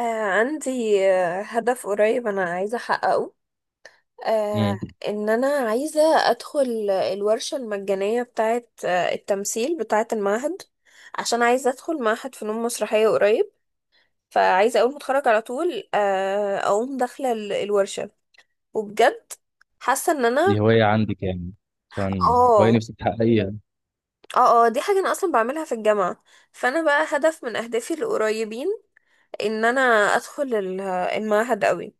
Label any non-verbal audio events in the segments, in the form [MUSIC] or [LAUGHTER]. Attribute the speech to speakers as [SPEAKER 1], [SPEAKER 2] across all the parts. [SPEAKER 1] آه عندي هدف قريب، أنا عايزة أحققه. آه
[SPEAKER 2] امم
[SPEAKER 1] إن أنا عايزة أدخل الورشة المجانية بتاعة التمثيل بتاعة المعهد، عشان عايزة أدخل معهد فنون مسرحية قريب، فعايزة أول ما أتخرج على طول أقوم داخلة الورشة. وبجد حاسة إن أنا
[SPEAKER 2] دي هواية عندك يعني. كان هواية
[SPEAKER 1] اه
[SPEAKER 2] نفسك تحققيها.
[SPEAKER 1] اه دي حاجة أنا أصلا بعملها في الجامعة، فأنا بقى هدف من أهدافي القريبين إن أنا أدخل المعهد أوي.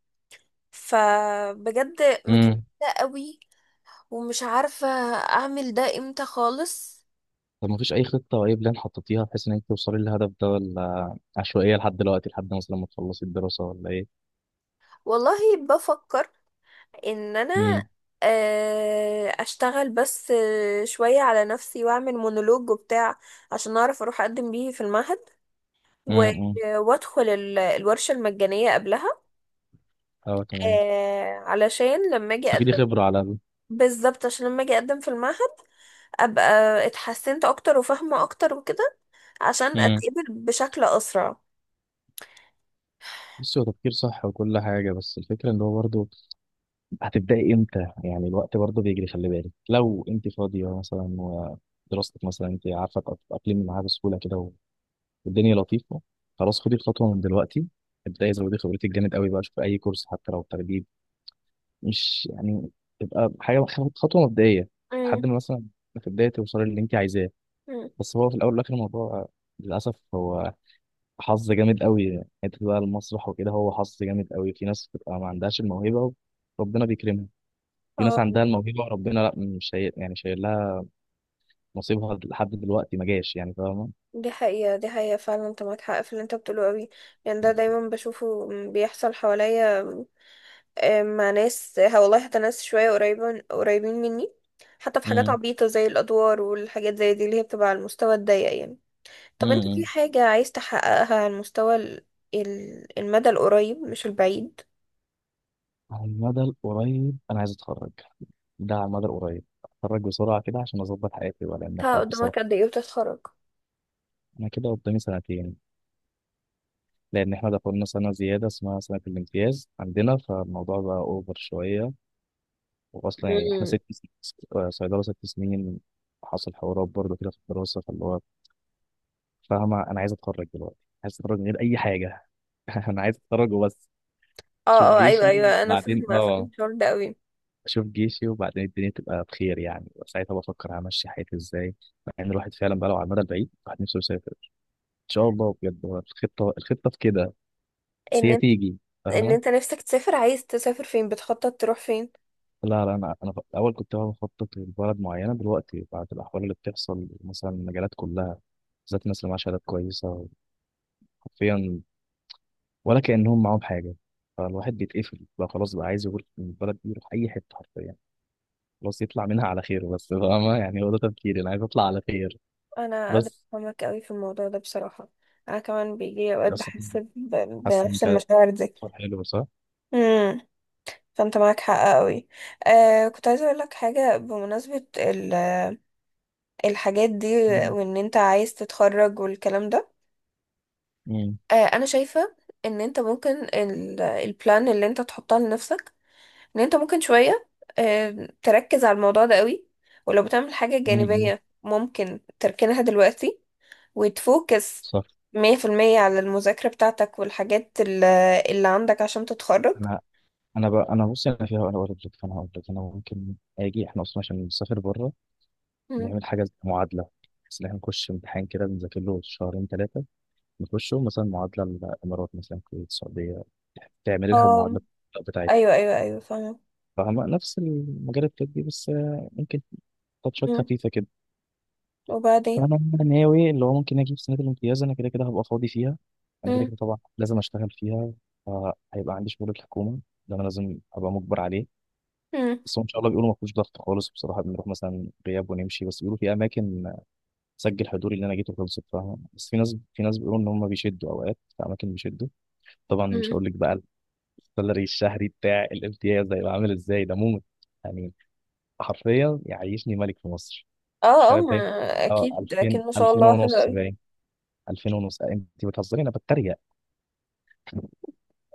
[SPEAKER 1] فبجد مكتئبة
[SPEAKER 2] امم
[SPEAKER 1] قوي، ومش عارفة اعمل ده امتى خالص.
[SPEAKER 2] طب ما فيش أي خطة أو أي بلان حطيتيها بحيث إنك توصلي للهدف ده، ولا عشوائية لحد دلوقتي لحد مثلا ما تخلصي الدراسة، ولا إيه؟
[SPEAKER 1] والله بفكر ان انا
[SPEAKER 2] امم
[SPEAKER 1] اشتغل بس شوية على نفسي واعمل مونولوج وبتاع، عشان اعرف اروح اقدم بيه في المعهد، و-
[SPEAKER 2] امم
[SPEAKER 1] وادخل الورشة المجانية قبلها.
[SPEAKER 2] أه تمام.
[SPEAKER 1] علشان لما اجي اقدم
[SPEAKER 2] تستفيدي خبرة على الأقل.
[SPEAKER 1] بالظبط، عشان لما اجي اقدم في المعهد ابقى اتحسنت اكتر وفاهمة اكتر وكده، عشان
[SPEAKER 2] امم
[SPEAKER 1] اتقبل بشكل اسرع.
[SPEAKER 2] بصي، هو تفكير صح وكل حاجة، بس الفكرة إن هو برضه هتبدأي إمتى؟ يعني الوقت برضه بيجري، خلي بالك. لو أنت فاضية مثلا، ودراستك مثلا، أنت عارفة تتأقلمي معاها بسهولة كده والدنيا لطيفه، خلاص خدي الخطوه من دلوقتي. ابداي، زودي خبرتك جامد قوي بقى، شوفي اي كورس حتى لو تدريب. مش يعني تبقى حاجه، خطوه مبدئيه، لحد ما مثلا في البدايه توصلي للي انت عايزاه.
[SPEAKER 1] مم.
[SPEAKER 2] بس هو في الاول والاخر الموضوع للاسف هو حظ. جامد قوي حته بقى المسرح وكده، هو حظ جامد قوي. في ناس بتبقى ما عندهاش الموهبه وربنا بيكرمها، في ناس
[SPEAKER 1] اه،
[SPEAKER 2] عندها الموهبه وربنا لا مش شايل، يعني شايل لها نصيبها لحد دلوقتي ما جاش، يعني فاهمه.
[SPEAKER 1] دي حقيقة، دي حقيقة فعلا، انت معاك حق في اللي انت بتقوله قوي. يعني ده دايما بشوفه بيحصل حواليا، مع ناس، والله حتى ناس شوية قريبة قريبين مني، حتى في حاجات
[SPEAKER 2] امم
[SPEAKER 1] عبيطة زي الأدوار والحاجات زي دي اللي هي بتبقى على المستوى الضيق يعني. طب انت في
[SPEAKER 2] امم
[SPEAKER 1] حاجة عايز تحققها على المستوى المدى القريب مش البعيد؟
[SPEAKER 2] على المدى القريب انا عايز اتخرج، ده على المدى القريب. اتخرج بسرعة كده عشان أظبط حياتي، ولا لأن
[SPEAKER 1] انت
[SPEAKER 2] الحوار بصراحة.
[SPEAKER 1] قدامك قد ايه وتتخرج؟
[SPEAKER 2] أنا كده قدامي سنتين، لأن إحنا دخلنا سنة زيادة اسمها سنة الامتياز عندنا، فالموضوع بقى أوفر شوية. وأصلا يعني إحنا
[SPEAKER 1] مم.
[SPEAKER 2] ست سنين، صيدلة ست سنين. حصل حوارات برضه كده في الدراسة، فاللي هو فاهمة أنا عايز أتخرج دلوقتي. عايز أتخرج من غير أي حاجة. [LAUGHS] أنا عايز أتخرج وبس.
[SPEAKER 1] اه،
[SPEAKER 2] أشوف
[SPEAKER 1] اه، ايوه،
[SPEAKER 2] جيشي.
[SPEAKER 1] ايوه، انا
[SPEAKER 2] بعدين
[SPEAKER 1] فاهمة، فاهمة الشعور ده قوي.
[SPEAKER 2] أشوف جيشي، وبعدين الدنيا تبقى بخير يعني، وساعتها بفكر همشي حياتي إزاي. مع إن الواحد فعلا بقى، لو على المدى البعيد الواحد نفسه يسافر. شاء الله بجد، هو الخطه، في كده. بس
[SPEAKER 1] ان
[SPEAKER 2] هي
[SPEAKER 1] انت
[SPEAKER 2] تيجي
[SPEAKER 1] ان
[SPEAKER 2] فاهمه.
[SPEAKER 1] انت نفسك تسافر، عايز تسافر فين؟ بتخطط تروح فين؟
[SPEAKER 2] لا لا انا في الاول كنت بقى بخطط لبلد معينه. دلوقتي بعد الاحوال اللي بتحصل مثلا، المجالات كلها بالذات، الناس اللي معاها شهادات كويسه حرفيا ولا كانهم معاهم حاجه. فالواحد بيتقفل بقى، خلاص بقى عايز يقول من البلد دي يروح اي حته حرفيا. خلاص يطلع منها على خير بس، فاهمه يعني. هو ده تفكيري، انا عايز اطلع على خير
[SPEAKER 1] انا قادرة
[SPEAKER 2] بس.
[SPEAKER 1] افهمك قوي في الموضوع ده، بصراحة انا كمان بيجي اوقات
[SPEAKER 2] دي اصلا
[SPEAKER 1] بحس
[SPEAKER 2] حاسس ان
[SPEAKER 1] بنفس
[SPEAKER 2] كانت
[SPEAKER 1] المشاعر دي.
[SPEAKER 2] سفر حلو صح؟
[SPEAKER 1] امم فانت معاك حق قوي. كنت عايزة اقول لك حاجة بمناسبة الحاجات دي،
[SPEAKER 2] مم.
[SPEAKER 1] وان انت عايز تتخرج والكلام ده.
[SPEAKER 2] مم.
[SPEAKER 1] انا شايفة ان انت ممكن البلان اللي انت تحطها لنفسك، ان انت ممكن شوية تركز على الموضوع ده قوي، ولو بتعمل حاجة
[SPEAKER 2] مم.
[SPEAKER 1] جانبية ممكن تركنها دلوقتي وتفوكس
[SPEAKER 2] صح.
[SPEAKER 1] 100% على المذاكرة بتاعتك والحاجات اللي عندك عشان تتخرج.
[SPEAKER 2] انا انا بقى، انا بص، انا فيها، انا اقول لك، فانا هقول لك انا ممكن اجي. احنا اصلا عشان نسافر بره
[SPEAKER 1] مم.
[SPEAKER 2] نعمل حاجه زي معادله، بس ان احنا نخش امتحان كده بنذاكر له شهرين ثلاثه. نخشه مثلا معادله الامارات، مثلا الكويت، السعوديه، تعمل لها
[SPEAKER 1] اه،
[SPEAKER 2] المعادله بتاعتها.
[SPEAKER 1] ايوه، ايوه، ايوه، فاهمة.
[SPEAKER 2] فاهمة؟ نفس المجال الطبي، بس ممكن تاتشات
[SPEAKER 1] مم.
[SPEAKER 2] خفيفه كده.
[SPEAKER 1] وبعدين.
[SPEAKER 2] فانا ناوي اللي هو ممكن اجي في سنه الامتياز، انا كده كده هبقى فاضي فيها، انا كده
[SPEAKER 1] مم.
[SPEAKER 2] كده طبعا لازم اشتغل فيها. فهيبقى عندي شغل الحكومه، ده انا لازم ابقى مجبر عليه.
[SPEAKER 1] مم.
[SPEAKER 2] بس هو ان شاء الله بيقولوا ما فيهوش ضغط خالص بصراحه، بنروح مثلا غياب ونمشي. بس بيقولوا في اماكن سجل حضوري اللي انا جيته خلصت فاهم، بس في ناس، بيقولوا ان هم بيشدوا اوقات. في اماكن بيشدوا. طبعا مش
[SPEAKER 1] مم.
[SPEAKER 2] هقول لك بقى السالري الشهري بتاع الامتياز ده هيبقى عامل ازاي، ده موت يعني، حرفيا يعيشني ملك في مصر، مش
[SPEAKER 1] اه، اه،
[SPEAKER 2] عارف، باين. اه،
[SPEAKER 1] اكيد اكيد
[SPEAKER 2] 2000،
[SPEAKER 1] ما شاء
[SPEAKER 2] 2000
[SPEAKER 1] الله، حلو
[SPEAKER 2] ونص
[SPEAKER 1] اوي.
[SPEAKER 2] باين. 2000 ونص. انت بتهزري، انا بتريق.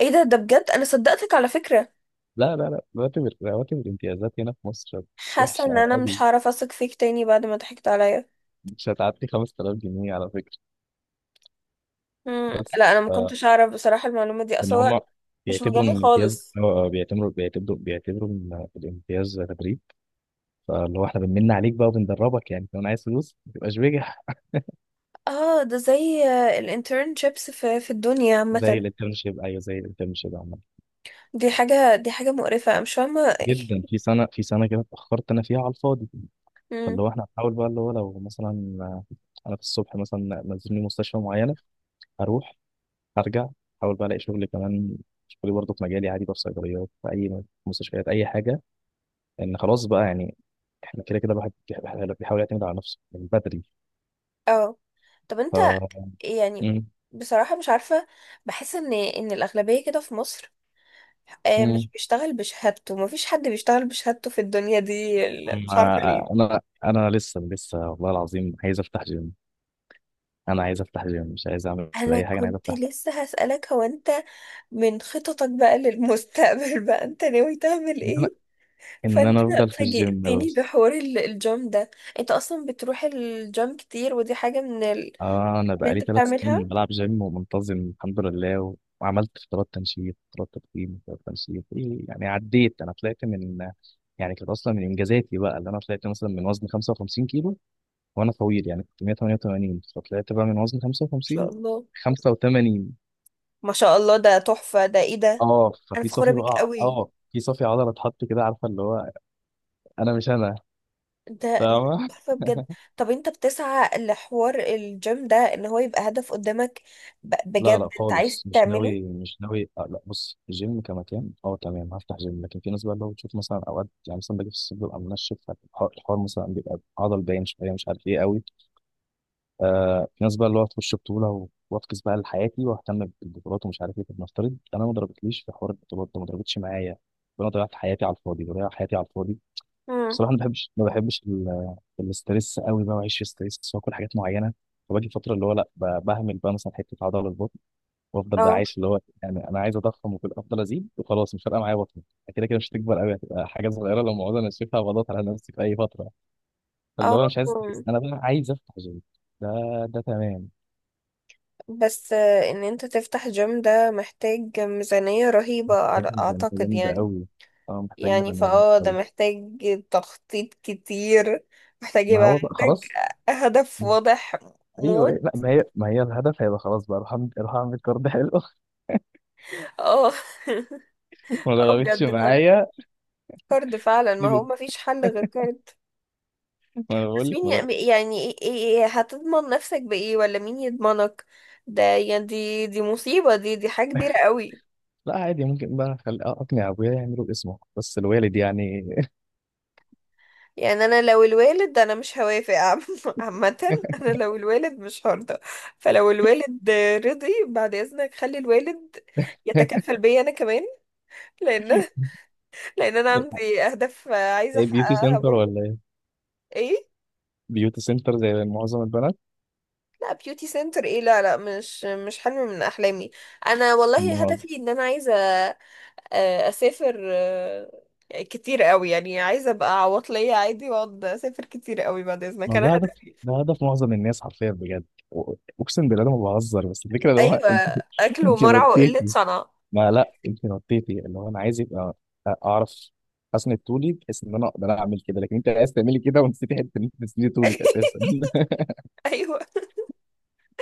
[SPEAKER 1] ايه ده بجد؟ انا صدقتك على فكرة.
[SPEAKER 2] لا لا لا، رواتب، رواتب الامتيازات هنا في مصر
[SPEAKER 1] حاسة ان
[SPEAKER 2] وحشه
[SPEAKER 1] انا مش
[SPEAKER 2] قوي.
[SPEAKER 1] هعرف اثق فيك تاني بعد ما ضحكت عليا.
[SPEAKER 2] مش هتعدي 5000 جنيه على فكره.
[SPEAKER 1] مم.
[SPEAKER 2] بس
[SPEAKER 1] لا، انا ما
[SPEAKER 2] آه،
[SPEAKER 1] كنتش اعرف بصراحة المعلومة دي
[SPEAKER 2] لان
[SPEAKER 1] اصلا،
[SPEAKER 2] هم
[SPEAKER 1] مش
[SPEAKER 2] بيعتبروا ان
[SPEAKER 1] مجالي
[SPEAKER 2] الامتياز،
[SPEAKER 1] خالص.
[SPEAKER 2] بيعتبروا ان الامتياز تدريب. فاللي هو احنا بنمن عليك بقى وبندربك، يعني لو انا عايز فلوس ما تبقاش بجح.
[SPEAKER 1] اه، ده زي الانترنشيبس في الدنيا
[SPEAKER 2] زي
[SPEAKER 1] عامة.
[SPEAKER 2] الانترنشيب، ايوه زي الانترنشيب عامه
[SPEAKER 1] دي حاجة، دي حاجة مقرفة، أنا مش فاهمة ايه.
[SPEAKER 2] جدا. في سنه، كده اتاخرت انا فيها على الفاضي.
[SPEAKER 1] [LAUGHS]
[SPEAKER 2] فاللي
[SPEAKER 1] مم.
[SPEAKER 2] هو احنا هنحاول بقى اللي هو لو مثلا انا في الصبح مثلا نزلني مستشفى معينه، اروح، ارجع، احاول بقى الاقي شغل كمان، شغلي برضه في مجالي عادي بقى، في صيدليات، في اي مستشفيات، اي حاجه. لان خلاص بقى يعني احنا كده كده الواحد بيحاول يعتمد على نفسه من بدري.
[SPEAKER 1] اه. طب
[SPEAKER 2] ف.
[SPEAKER 1] انت يعني
[SPEAKER 2] مم.
[SPEAKER 1] بصراحة مش عارفة، بحس ان الأغلبية كده في مصر مش
[SPEAKER 2] مم.
[SPEAKER 1] بيشتغل بشهادته، مفيش حد بيشتغل بشهادته في الدنيا دي، مش عارفة ليه.
[SPEAKER 2] انا لسه، والله العظيم عايز افتح جيم. انا عايز افتح جيم، مش عايز اعمل
[SPEAKER 1] انا
[SPEAKER 2] اي حاجه، انا عايز
[SPEAKER 1] كنت
[SPEAKER 2] افتح.
[SPEAKER 1] لسه هسألك، هو انت من خططك بقى للمستقبل [LAUGHS] بقى انت ناوي تعمل
[SPEAKER 2] ان انا،
[SPEAKER 1] ايه؟ فانت
[SPEAKER 2] افضل في الجيم
[SPEAKER 1] فاجئتني
[SPEAKER 2] بس.
[SPEAKER 1] بحوار الجيم ده. انت اصلا بتروح الجيم كتير، ودي حاجة من
[SPEAKER 2] آه، انا
[SPEAKER 1] اللي
[SPEAKER 2] بقالي
[SPEAKER 1] انت
[SPEAKER 2] ثلاث
[SPEAKER 1] بتعملها، ما
[SPEAKER 2] سنين بلعب جيم ومنتظم الحمد لله، وعملت فترات تنشيط، فترات تضخيم، فترات تنشيط إيه يعني، عديت. انا طلعت من، يعني كانت اصلا من انجازاتي بقى اللي انا طلعت مثلا من وزن 55 كيلو. وانا طويل يعني، كنت 188، فطلعت بقى من وزن
[SPEAKER 1] شاء
[SPEAKER 2] 55،
[SPEAKER 1] الله.
[SPEAKER 2] 85.
[SPEAKER 1] ما شاء الله، ده تحفة، ده ايه ده؟
[SPEAKER 2] اه
[SPEAKER 1] انا
[SPEAKER 2] ففي
[SPEAKER 1] فخورة
[SPEAKER 2] صافي
[SPEAKER 1] بيك
[SPEAKER 2] بقى،
[SPEAKER 1] قوي.
[SPEAKER 2] اه في صافي عضله اتحط كده، عارفه اللي هو. انا مش انا
[SPEAKER 1] ده
[SPEAKER 2] فاهمه.
[SPEAKER 1] تحفة بجد. طب انت بتسعى لحوار الجيم ده ان هو يبقى هدف قدامك؟
[SPEAKER 2] لا
[SPEAKER 1] بجد
[SPEAKER 2] لا
[SPEAKER 1] انت عايز
[SPEAKER 2] خالص، مش
[SPEAKER 1] تعمله؟
[SPEAKER 2] ناوي، مش ناوي. لا، بص، الجيم كمكان اه تمام هفتح جيم، لكن في ناس بقى اللي هو بتشوف مثلا اوقات يعني، مثلا باجي في الصيف ببقى منشف، الحوار مثلا بيبقى عضل باين شويه، مش عارف ايه قوي. في ناس بقى اللي هو تخش بطوله وافكس بقى لحياتي واهتم بالبطولات ومش عارف ايه. طب نفترض انا ما ضربتليش في حوار البطولات ده، ما ضربتش معايا، فانا ضيعت حياتي على الفاضي، بضيع حياتي على الفاضي.
[SPEAKER 1] امم.
[SPEAKER 2] بصراحه ما بحبش، ما بحبش الاستريس قوي بقى، واعيش في ستريس، واكل حاجات معينه. فباجي فتره اللي هو لا بهمل بقى مثلا حته عضله البطن، وافضل بقى
[SPEAKER 1] اه،
[SPEAKER 2] عايش، اللي هو يعني انا عايز اضخم وكل، افضل ازيد وخلاص مش فارقه معايا بطني. كده كده مش هتكبر قوي، هتبقى حاجه صغيره لو موجوده، انا شايفها بضغط على نفسي في اي فتره. فاللي
[SPEAKER 1] اه.
[SPEAKER 2] هو مش عايز استريس،
[SPEAKER 1] مم.
[SPEAKER 2] انا بقى عايز افتح جيم. ده ده تمام.
[SPEAKER 1] بس ان انت تفتح جيم ده محتاج ميزانية رهيبة
[SPEAKER 2] محتاج ميزانيه
[SPEAKER 1] اعتقد
[SPEAKER 2] جامده
[SPEAKER 1] يعني.
[SPEAKER 2] قوي. اه محتاج
[SPEAKER 1] يعني
[SPEAKER 2] ميزانيه جامده
[SPEAKER 1] فاه ده
[SPEAKER 2] قوي.
[SPEAKER 1] محتاج تخطيط كتير، محتاج
[SPEAKER 2] ما
[SPEAKER 1] يبقى
[SPEAKER 2] هو بقى
[SPEAKER 1] عندك
[SPEAKER 2] خلاص.
[SPEAKER 1] هدف واضح،
[SPEAKER 2] ايوه أيوة.
[SPEAKER 1] موت.
[SPEAKER 2] لا، ما هي الهدف هيبقى خلاص بقى، اروح اعمل، أروح أعمل كارد حلو.
[SPEAKER 1] اه. [LAUGHS]
[SPEAKER 2] [LAUGHS] ما
[SPEAKER 1] اه
[SPEAKER 2] ضربتش
[SPEAKER 1] بجد.
[SPEAKER 2] معايا.
[SPEAKER 1] كارد فعلا، ما
[SPEAKER 2] إيه
[SPEAKER 1] هو
[SPEAKER 2] ده؟
[SPEAKER 1] ما فيش حل غير كارد.
[SPEAKER 2] ما انا بقول
[SPEAKER 1] بس
[SPEAKER 2] لك ما ده-.
[SPEAKER 1] مين، يعني إيه هتضمن نفسك بإيه ولا مين يضمنك؟ ده يعني دي مصيبة، دي حاجة كبيرة قوي.
[SPEAKER 2] لا عادي، ممكن بقى، خل... اقنع ابويا يعملوا اسمه بس الوالد يعني.
[SPEAKER 1] يعني انا لو الوالد انا مش هوافق [LAUGHS] عامة، انا لو الوالد مش هرضى، فلو الوالد رضي بعد اذنك خلي الوالد
[SPEAKER 2] [LAUGHS]
[SPEAKER 1] يتكفل بيا انا كمان، لان [LAUGHS] لان انا عندي اهداف عايزة
[SPEAKER 2] ايه بيوتي
[SPEAKER 1] احققها
[SPEAKER 2] سنتر
[SPEAKER 1] برضه.
[SPEAKER 2] ولا ايه؟
[SPEAKER 1] ايه؟
[SPEAKER 2] بيوتي سنتر زي معظم البنات.
[SPEAKER 1] لا بيوتي سنتر، ايه؟ لا، لا، مش حلم من احلامي. انا والله
[SPEAKER 2] ما
[SPEAKER 1] هدفي ان انا عايزه اسافر كتير قوي، يعني عايزه ابقى عواطليه عادي واقعد اسافر كتير قوي، بعد اذنك
[SPEAKER 2] ما هو
[SPEAKER 1] انا
[SPEAKER 2] ده هدف،
[SPEAKER 1] هدف.
[SPEAKER 2] ده هدف معظم الناس حرفيا بجد. و-. اقسم بالله انا ما بهزر، بس الفكره اللي هو
[SPEAKER 1] ايوه،
[SPEAKER 2] [LAUGHS] انت.
[SPEAKER 1] اكل
[SPEAKER 2] انت
[SPEAKER 1] ومرع وقله
[SPEAKER 2] نطيتي،
[SPEAKER 1] صنع.
[SPEAKER 2] ما لا انت نطيتي، اللي هو انا عايز يبقى، اعرف اسند طولي بحيث ان انا اقدر اعمل كده، لكن انت عايز تعملي كده ونسيتي حته ان انت تسندي طولك اساسا.
[SPEAKER 1] [LAUGHS]
[SPEAKER 2] [LAUGHS]
[SPEAKER 1] ايوه،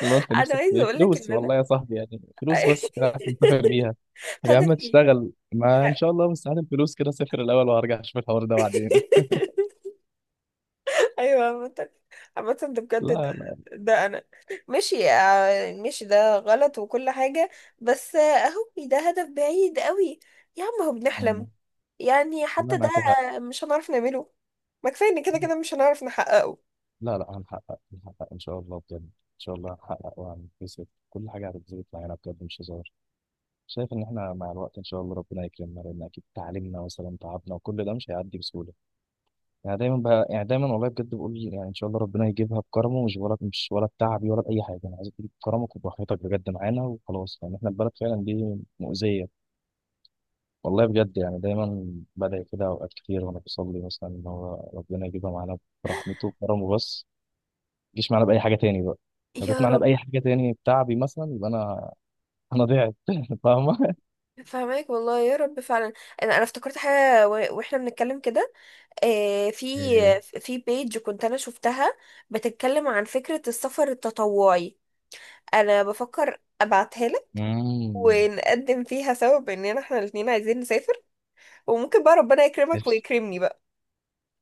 [SPEAKER 2] اللي هو انت
[SPEAKER 1] انا
[SPEAKER 2] نفسك في
[SPEAKER 1] عايزه
[SPEAKER 2] إيه؟
[SPEAKER 1] اقول لك
[SPEAKER 2] فلوس
[SPEAKER 1] ان انا
[SPEAKER 2] والله يا صاحبي يعني، فلوس بس كده عشان تسافر بيها.
[SPEAKER 1] [LAUGHS]
[SPEAKER 2] طب يا عم
[SPEAKER 1] هدفي
[SPEAKER 2] تشتغل، ما ان شاء الله بس هات الفلوس كده سافر الاول، وهرجع اشوف الحوار ده بعدين.
[SPEAKER 1] [LAUGHS] ايوه. عامة ده بجد، ده,
[SPEAKER 2] لا لا
[SPEAKER 1] ده انا ماشي ده غلط وكل حاجة، بس اهو ده هدف بعيد قوي. يا عم هو بنحلم
[SPEAKER 2] يعني.
[SPEAKER 1] يعني،
[SPEAKER 2] لا
[SPEAKER 1] حتى ده
[SPEAKER 2] معاك حق.
[SPEAKER 1] مش هنعرف نعمله، ما كفايه ان كده كده مش هنعرف نحققه.
[SPEAKER 2] لا لا هنحقق، هنحقق ان شاء الله بجد. ان شاء الله هنحقق وهنكتسب كل حاجه هتتظبط معانا بجد مش هزار. شايف ان احنا مع الوقت ان شاء الله ربنا يكرمنا، لان اكيد تعليمنا مثلا تعبنا وكل ده مش هيعدي بسهوله. يعني دايما بقى، يعني دايما والله بجد بقول يعني ان شاء الله ربنا يجيبها بكرمه، مش ولا، مش ولا بتعبي ولا باي حاجه، انا عايزك تجيب بكرمك وبراحتك بجد معانا وخلاص، لان يعني احنا البلد فعلا دي مؤذيه. والله بجد يعني دايما بدعي كده اوقات كتير، وانا بصلي مثلا ان هو ربنا يجيبها معانا برحمته وكرمه بس. ما تجيش معانا باي حاجه تاني بقى، لو جت
[SPEAKER 1] يا
[SPEAKER 2] معانا
[SPEAKER 1] رب،
[SPEAKER 2] باي حاجه تاني بتعبي مثلا يبقى انا، انا ضعت. [LAUGHS] فاهمه.
[SPEAKER 1] فهماك والله يا رب فعلا. انا افتكرت حاجه واحنا بنتكلم كده آه، في
[SPEAKER 2] إيه.
[SPEAKER 1] في بيج كنت انا شفتها بتتكلم عن فكره السفر التطوعي، انا بفكر ابعتها
[SPEAKER 2] امم
[SPEAKER 1] ونقدم فيها سوا باننا احنا الاتنين عايزين نسافر، وممكن بقى ربنا يكرمك
[SPEAKER 2] قشطة.
[SPEAKER 1] ويكرمني بقى.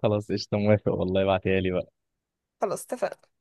[SPEAKER 2] خلاص قشطه، موافق والله، ابعتيها لي بقى.
[SPEAKER 1] خلاص، اتفقنا.